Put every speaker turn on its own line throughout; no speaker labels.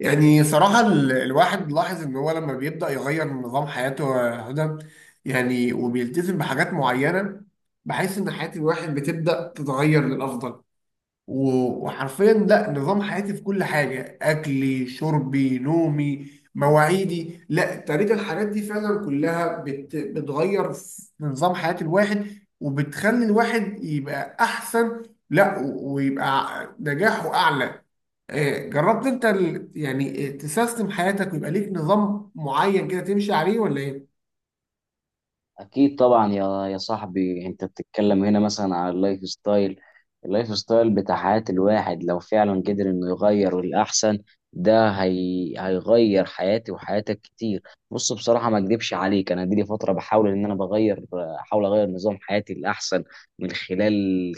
يعني صراحة الواحد لاحظ إن هو لما بيبدأ يغير من نظام حياته يا هدى، يعني وبيلتزم بحاجات معينة، بحيث إن حياة الواحد بتبدأ تتغير للأفضل. وحرفيا، لا، نظام حياتي في كل حاجة، أكلي، شربي، نومي، مواعيدي، لا، طريقة الحاجات دي فعلا كلها بتغير في نظام حياة الواحد، وبتخلي الواحد يبقى أحسن. لا، ويبقى نجاحه أعلى. جربت أنت يعني، تسيستم حياتك ويبقى ليك نظام معين كده تمشي عليه، ولا إيه؟
أكيد طبعا، يا صاحبي. أنت بتتكلم هنا مثلا على اللايف ستايل بتاع حياة الواحد لو فعلا قدر إنه يغير للأحسن، هيغير حياتي وحياتك كتير. بص، بصراحة ما أكدبش عليك، أنا دي لي فترة بحاول إن أنا بغير. أحاول أغير نظام حياتي للأحسن من خلال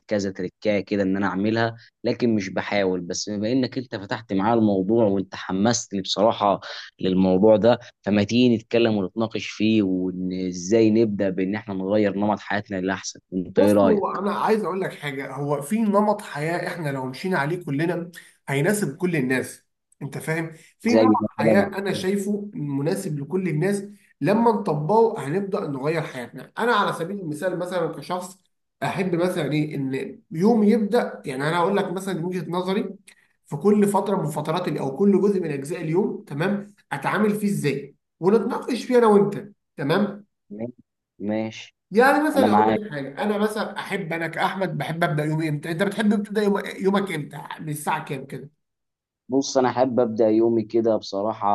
كذا تركاية كده إن أنا أعملها، لكن مش بحاول بس. بما إنك أنت فتحت معايا الموضوع وأنت حمستني بصراحة للموضوع ده، فما تيجي نتكلم ونتناقش فيه، وان ازاي نبدا بان احنا نغير نمط حياتنا للاحسن. انت ايه
بص، هو
رايك؟
انا عايز اقول لك حاجه. هو في نمط حياه، احنا لو مشينا عليه كلنا هيناسب كل الناس. انت فاهم؟ في نمط
زي
حياه
مثلا.
انا شايفه مناسب لكل الناس، لما نطبقه هنبدا نغير حياتنا. انا على سبيل المثال مثلا كشخص، احب مثلا ايه ان يومي يبدا. يعني انا هقول لك مثلا من وجهه نظري، في كل فتره من فترات او كل جزء من اجزاء اليوم، تمام، اتعامل فيه ازاي ونتناقش فيه انا وانت، تمام.
ماشي.
يعني
انا
مثلا هقول
معاك.
لك حاجه. انا مثلا احب، انا كاحمد بحب ابدا يومي امتى؟ انت بتحب تبدا يومك امتى، من الساعه كام كده؟
بص، انا احب ابدا يومي كده بصراحه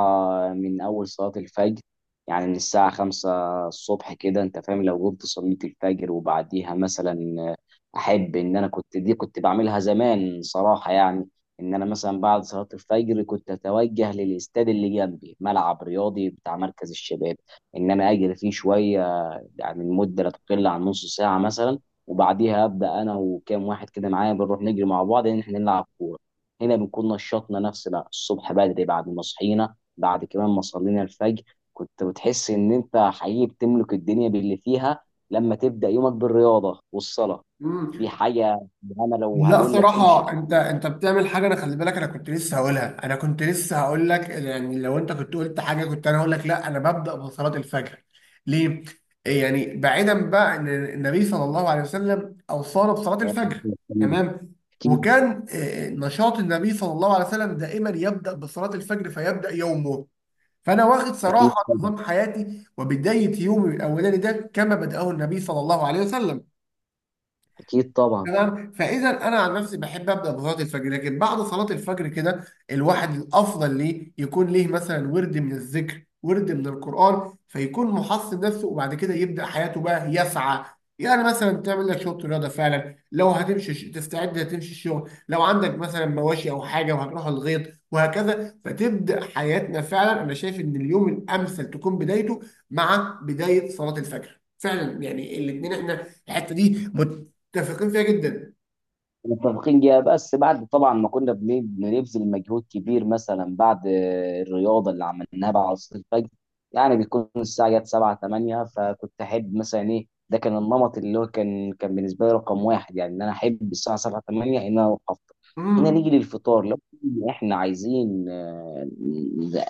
من اول صلاه الفجر، يعني من الساعه خمسة الصبح كده. انت فاهم؟ لو قمت صليت الفجر وبعديها مثلا، احب ان انا كنت، دي كنت بعملها زمان صراحه، يعني ان انا مثلا بعد صلاه الفجر كنت اتوجه للاستاد اللي جنبي، ملعب رياضي بتاع مركز الشباب، ان انا اجري فيه شويه، يعني المده لا تقل عن نص ساعه مثلا. وبعديها ابدا انا وكام واحد كده معايا بنروح نجري مع بعض، ان احنا نلعب كوره. هنا بنكون نشطنا نفسنا الصبح بدري بعد ما صحينا، بعد كمان ما صلينا الفجر. كنت بتحس ان انت حقيقي بتملك الدنيا باللي فيها لما تبدأ يومك بالرياضة والصلاة.
امم.
دي حاجة. انا لو
لا
هقول لك تمشي
صراحة،
على-.
انت بتعمل حاجة. انا خلي بالك، انا كنت لسه هقولها، انا كنت لسه هقول لك، يعني لو انت كنت قلت حاجة كنت انا هقول لك، لا، انا ببدأ بصلاة الفجر. ليه؟ يعني بعيدا بقى ان النبي صلى الله عليه وسلم اوصانا بصلاة الفجر، تمام.
اكيد.
وكان نشاط النبي صلى الله عليه وسلم دائما يبدأ بصلاة الفجر، فيبدأ يومه. فانا واخد
اكيد
صراحه
طبعا.
نظام حياتي وبدايه يومي الاولاني ده كما بداه النبي صلى الله عليه وسلم.
اكيد طبعا.
تمام. فاذا انا عن نفسي بحب ابدا بصلاه الفجر، لكن بعد صلاه الفجر كده، الواحد الافضل ليه يكون ليه مثلا ورد من الذكر، ورد من القران، فيكون محصن نفسه، وبعد كده يبدا حياته بقى يسعى. يعني مثلا تعمل لك شويه رياضه، فعلا لو هتمشي تستعد تمشي الشغل، لو عندك مثلا مواشي او حاجه وهتروح الغيط، وهكذا. فتبدا حياتنا فعلا. انا شايف ان اليوم الامثل تكون بدايته مع بدايه صلاه الفجر فعلا، يعني الاثنين احنا الحته دي متفقين فيها جدا.
متفقين جدا. بس بعد طبعا ما كنا بنبذل مجهود كبير مثلا، بعد الرياضه اللي عملناها بعد عصر الفجر، يعني بيكون الساعه جت 7 8. فكنت احب مثلا ايه؟ ده كان النمط اللي هو كان بالنسبه لي رقم واحد. يعني ان انا احب الساعه 7 8 ان انا اروح افطر. هنا نيجي
امم.
للفطار، لو احنا عايزين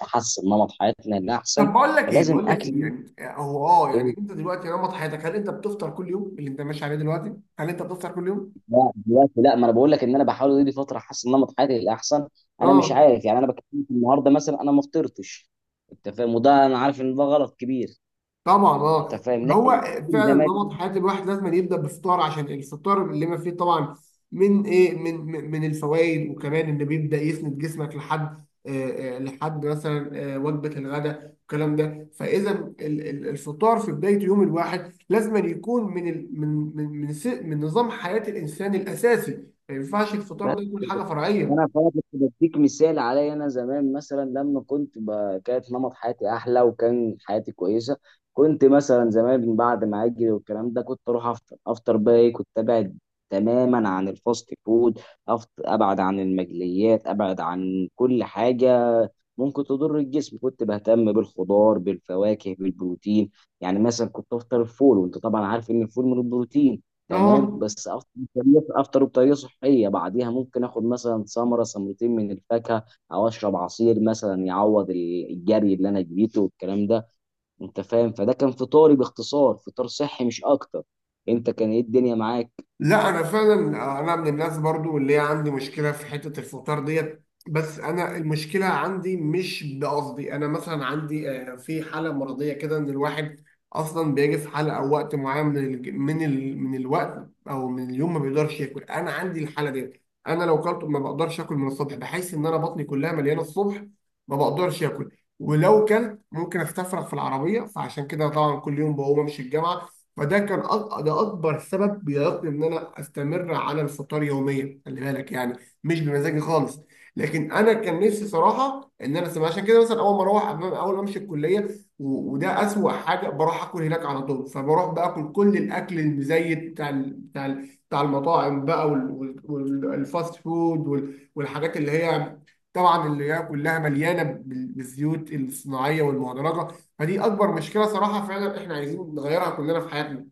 نحسن نمط حياتنا لاحسن،
طب، بقول لك ايه
فلازم
بقول لك
اكل.
ايه يعني هو يعني انت دلوقتي نمط حياتك، هل انت بتفطر كل يوم اللي انت ماشي عليه دلوقتي؟ هل انت بتفطر كل يوم؟
لا دلوقتي لا. ما انا بقول لك ان انا بحاول دي فتره حاسس ان نمط حياتي للاحسن. انا مش
اه،
عارف، يعني انا بكلمك النهارده مثلا، انا ما فطرتش. انت فاهم؟ وده انا عارف ان ده غلط كبير.
طبعا،
انت
اه.
فاهم؟ لكن
هو فعلا
زمان.
نمط حياة الواحد لازم يبدأ بفطار، عشان الفطار اللي ما فيه طبعا من ايه، من الفوائد، وكمان ان بيبدأ يسند جسمك لحد لحد مثلا وجبة الغداء والكلام ده. فإذا الفطار في بداية يوم الواحد لازم يكون من ال من من من, س- من نظام حياة الإنسان الأساسي. ما ينفعش الفطار
بس
ده يكون
كده.
حاجة فرعية.
انا فعلا كنت بديك مثال عليا. انا زمان مثلا لما كنت كانت نمط حياتي احلى، وكان حياتي كويسه. كنت مثلا زمان بعد ما اجري والكلام ده كنت اروح افطر بقى ايه؟ كنت ابعد تماما عن الفاست فود. ابعد عن المقليات، ابعد عن كل حاجه ممكن تضر الجسم. كنت بهتم بالخضار، بالفواكه، بالبروتين. يعني مثلا كنت افطر الفول، وانت طبعا عارف ان الفول من البروتين. تمام.
اه،
بس افطر بطريقه، افطر بطريقه صحيه. بعديها ممكن اخد مثلا ثمره ثمرتين من الفاكهه، او اشرب عصير مثلا يعوض الجري اللي انا جريته والكلام ده. انت فاهم؟ فده كان فطاري باختصار، فطار صحي مش اكتر. انت كان ايه الدنيا معاك؟
لا انا فعلا، انا من الناس برضو اللي هي عندي مشكله في حته الفطار ديت، بس انا المشكله عندي مش بقصدي، انا مثلا عندي، في حاله مرضيه كده ان الواحد اصلا بيجي في حاله او وقت معين من الوقت او من اليوم، ما بيقدرش ياكل. انا عندي الحاله ديت، انا لو كلت ما بقدرش اكل من الصبح، بحيث ان انا بطني كلها مليانه الصبح، ما بقدرش اكل. ولو كلت ممكن استفرغ في العربيه، فعشان كده طبعا كل يوم بقوم امشي الجامعه. فده كان ده اكبر سبب بيعيقني ان انا استمر على الفطار يوميا، خلي بالك يعني، مش بمزاجي خالص. لكن انا كان نفسي صراحه ان انا سمع، عشان كده مثلا اول ما اروح اول ما امشي الكليه، وده اسوأ حاجه، بروح اكل هناك على طول. فبروح باكل كل الاكل المزيت بتاع المطاعم بقى، والفاست فود والحاجات اللي هي، طبعا اللي هي كلها مليانه بالزيوت الصناعيه والمهدرجه. فدي اكبر مشكله صراحه، فعلا احنا عايزين نغيرها كلنا في حياتنا.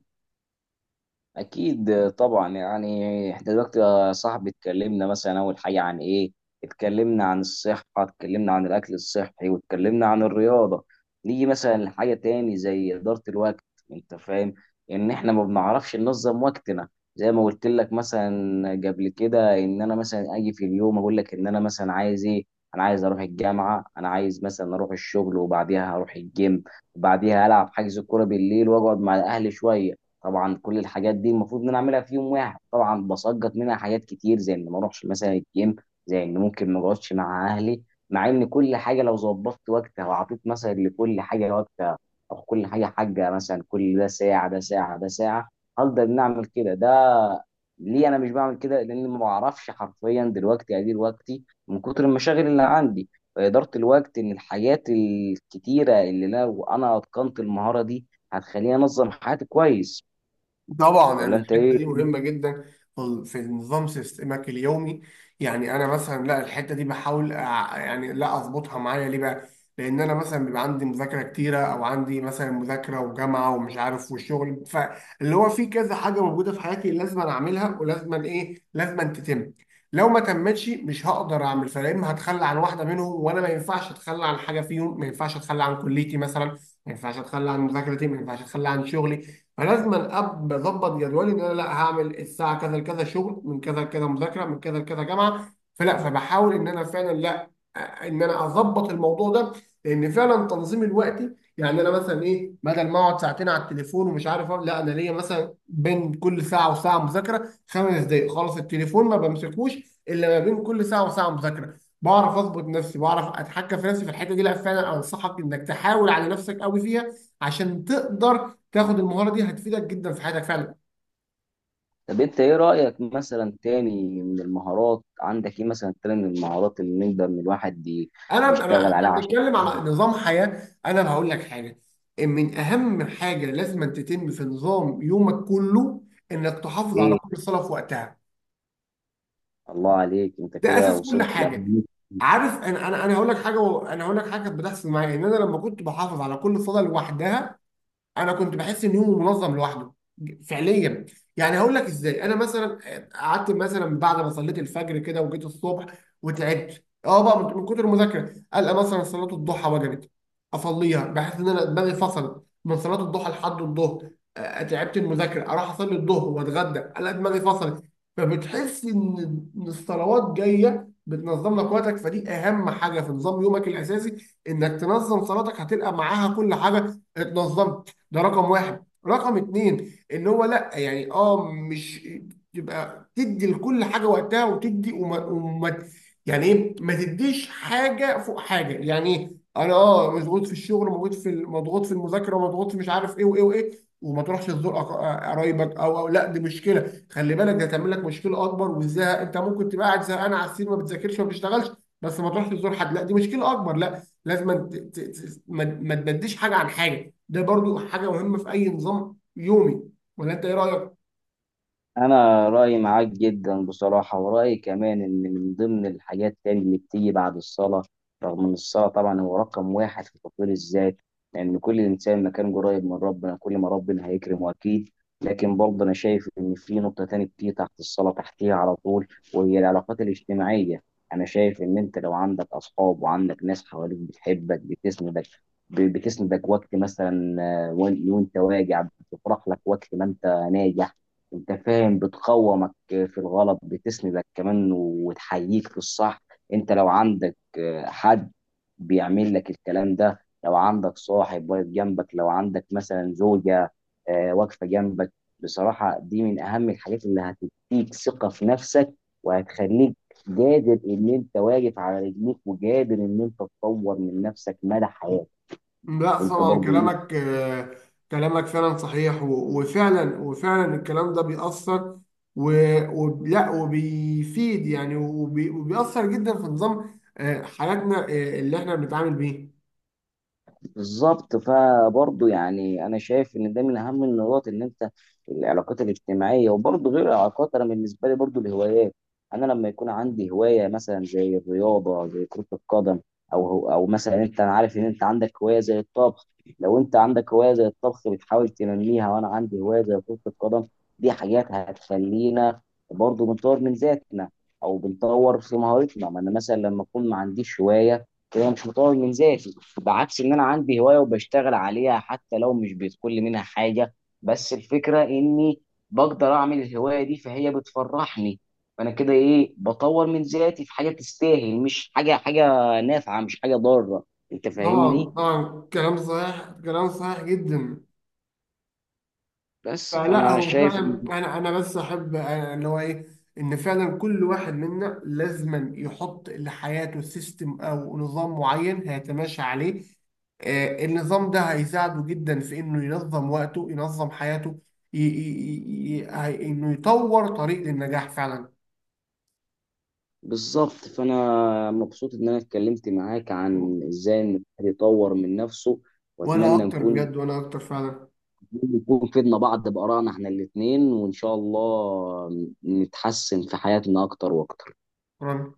أكيد طبعا. يعني إحنا دلوقتي يا صاحبي اتكلمنا مثلا أول حاجة عن إيه؟ اتكلمنا عن الصحة، اتكلمنا عن الأكل الصحي، واتكلمنا عن الرياضة. نيجي مثلا لحاجة تاني زي إدارة الوقت. أنت فاهم؟ إن إحنا ما بنعرفش ننظم وقتنا. زي ما قلت لك مثلا قبل كده، إن أنا مثلا أجي في اليوم أقول لك إن أنا مثلا عايز إيه؟ أنا عايز أروح الجامعة، أنا عايز مثلا أروح الشغل وبعديها هروح الجيم، وبعديها ألعب حجز كورة بالليل وأقعد مع أهلي شوية. طبعا كل الحاجات دي المفروض ان انا اعملها في يوم واحد. طبعا بسقط منها حاجات كتير، زي ان ما اروحش مثلا الجيم، زي ان ممكن ما اقعدش مع اهلي. مع ان كل حاجه لو ظبطت وقتها وعطيت مثلا لكل حاجه وقتها، او كل حاجه حاجه مثلا، كل ده ساعه، ده ساعه، ده ساعه، هقدر ان اعمل كده. ده ليه انا مش بعمل كده؟ لان ما بعرفش حرفيا دلوقتي ادير وقتي من كتر المشاغل اللي عندي. فاداره الوقت، ان الحاجات الكتيره اللي لو انا اتقنت المهاره دي، هتخليني انظم حياتي كويس.
طبعا، يعني
ولا انت
الحته
ايه؟
دي مهمه جدا في نظام سيستمك اليومي. يعني انا مثلا، لا، الحته دي بحاول يعني، لا، اظبطها معايا. ليه بقى؟ لان انا مثلا بيبقى عندي مذاكره كتيره، او عندي مثلا مذاكره وجامعه ومش عارف وشغل. فاللي هو في كذا حاجه موجوده في حياتي لازم أنا اعملها، ولازم أنا ايه، لازم أن تتم. لو ما تمتش مش هقدر اعمل، فلا، اما هتخلى عن واحده منهم، وانا ما ينفعش اتخلى عن حاجه فيهم. ما ينفعش اتخلى عن كليتي مثلا، ما ينفعش اتخلى عن مذاكرتي، ما ينفعش اتخلى عن شغلي. فلازم اظبط جدولي، ان انا لا هعمل الساعه كذا لكذا شغل، من كذا لكذا مذاكره، من كذا لكذا جامعه. فلا، فبحاول ان انا فعلا، لا، ان انا اظبط الموضوع ده. لان فعلا تنظيم الوقت، يعني انا مثلا ايه، بدل ما اقعد ساعتين على التليفون ومش عارف أعمل، لا، انا ليا مثلا بين كل ساعه وساعه مذاكره 5 دقائق، خلاص التليفون ما بمسكوش الا ما بين كل ساعه وساعه مذاكره. بعرف اظبط نفسي، بعرف اتحكم في نفسي في الحته دي. لا فعلا، انصحك انك تحاول على نفسك قوي فيها، عشان تقدر تاخد المهاره دي، هتفيدك جدا في حياتك فعلا.
طب انت ايه رأيك؟ مثلا تاني من المهارات، عندك ايه مثلا تاني من المهارات اللي نقدر ان الواحد
انا انا
يشتغل
احنا
عليها عشان
بنتكلم على نظام حياه. انا هقول لك حاجه، إن من اهم حاجه لازم أن تتم في نظام يومك كله، انك تحافظ على
ايه؟
كل صلاه في وقتها.
الله عليك، انت
ده
كده
اساس كل
وصلت
حاجه.
لأهم.
عارف، انا هقول لك حاجه و- انا هقول لك حاجه كانت بتحصل معايا، ان انا لما كنت بحافظ على كل صلاه لوحدها، انا كنت بحس ان يومه منظم لوحده. فعليا، يعني هقول لك ازاي. انا مثلا قعدت مثلا بعد ما صليت الفجر كده، وجيت الصبح وتعبت بقى من كتر المذاكره، القى مثلا صلاه الضحى وجبت، اصليها، بحس ان انا دماغي فصلت من صلاه الضحى لحد الظهر. تعبت المذاكره، اروح اصلي الظهر واتغدى، الاقي دماغي فصلت. فبتحس إن الصلوات جايه بتنظم لك وقتك. فدي اهم حاجه في نظام يومك الاساسي، انك تنظم صلاتك، هتلقى معاها كل حاجه اتنظمت. ده رقم واحد. رقم اتنين، ان هو، لا يعني مش تبقى تدي لكل حاجه وقتها، وتدي، وما، يعني ايه؟ ما تديش حاجه فوق حاجه. يعني ايه؟ انا مضغوط في الشغل، مضغوط في المذاكره، مضغوط في، مش عارف ايه وايه وايه، وما تروحش تزور قرايبك، او، لا دي مشكله خلي بالك، ده هتعمل لك مشكله اكبر. والزهق، انت ممكن تبقى قاعد زهقان على السرير ما بتذاكرش ما بتشتغلش، بس ما تروحش تزور حد، لا دي مشكله اكبر. لا، لازم ما تبديش حاجه عن حاجه. ده برضو حاجه مهمه في اي نظام يومي. ولا انت ايه رايك؟
انا رايي معاك جدا بصراحه. ورايي كمان ان من ضمن الحاجات تاني اللي بتيجي بعد الصلاه، رغم ان الصلاه طبعا هو رقم واحد في تطوير الذات، لان كل انسان ما كان قريب من ربنا كل ما ربنا هيكرمه اكيد. لكن برضه انا شايف ان في نقطه تانية بتيجي تحت الصلاه، تحتيها على طول، وهي العلاقات الاجتماعيه. انا شايف ان انت لو عندك اصحاب وعندك ناس حواليك بتحبك، بتسندك، بتسندك وقت مثلا آه، وانت واجع، بتفرح لك وقت ما انت ناجح. انت فاهم؟ بتقومك في الغلط، بتسندك كمان وتحييك في الصح. انت لو عندك حد بيعمل لك الكلام ده، لو عندك صاحب واقف جنبك، لو عندك مثلا زوجة واقفة جنبك، بصراحة دي من أهم الحاجات اللي هتديك ثقة في نفسك، وهتخليك قادر إن أنت واقف على رجليك، وقادر إن أنت تطور من نفسك مدى حياتك.
لا
أنت
طبعا،
برضو إيه.
كلامك فعلا صحيح، وفعلا، الكلام ده بيأثر، و- ولا وبيفيد، يعني وبيأثر جدا في نظام حياتنا، اللي احنا بنتعامل بيه.
بالظبط. فبرضه يعني انا شايف ان ده من اهم النقاط، ان انت، العلاقات الاجتماعيه. وبرضه غير العلاقات، انا بالنسبه لي برضه الهوايات. انا لما يكون عندي هوايه مثلا زي الرياضه، زي كره القدم، او مثلا انت، انا عارف ان انت عندك هوايه زي الطبخ. لو انت عندك هوايه زي الطبخ بتحاول تنميها، وانا عندي هوايه زي كره القدم، دي حاجات هتخلينا برضه بنطور من ذاتنا او بنطور في مهارتنا. ما انا مثلا لما اكون ما عنديش هوايه كده، مش مطور من ذاتي، بعكس ان انا عندي هوايه وبشتغل عليها حتى لو مش بيدخل لي منها حاجه. بس الفكره اني بقدر اعمل الهوايه دي، فهي بتفرحني، فانا كده ايه؟ بطور من ذاتي في حاجه تستاهل، مش حاجه. حاجه نافعه، مش حاجه ضاره. انت
طبعا،
فاهمني؟
طبعا، كلام صحيح، كلام صحيح جدا.
بس
فلا،
فانا
هو
شايف
فعلا
إن-.
انا بس احب، اللي هو ايه، ان فعلا كل واحد منا لازما يحط لحياته سيستم او نظام معين هيتماشى عليه. النظام ده هيساعده جدا في انه ينظم وقته، ينظم حياته، انه يطور طريق للنجاح فعلا.
بالظبط. فانا مبسوط ان انا اتكلمت معاك عن ازاي ان الواحد يطور من نفسه،
وانا
واتمنى
اكتر
نكون،
بجد، وانا اكتر فعلا.
نكون فدنا بعض بآرائنا احنا الاتنين، وإن شاء الله نتحسن في حياتنا أكتر وأكتر.
شكراً.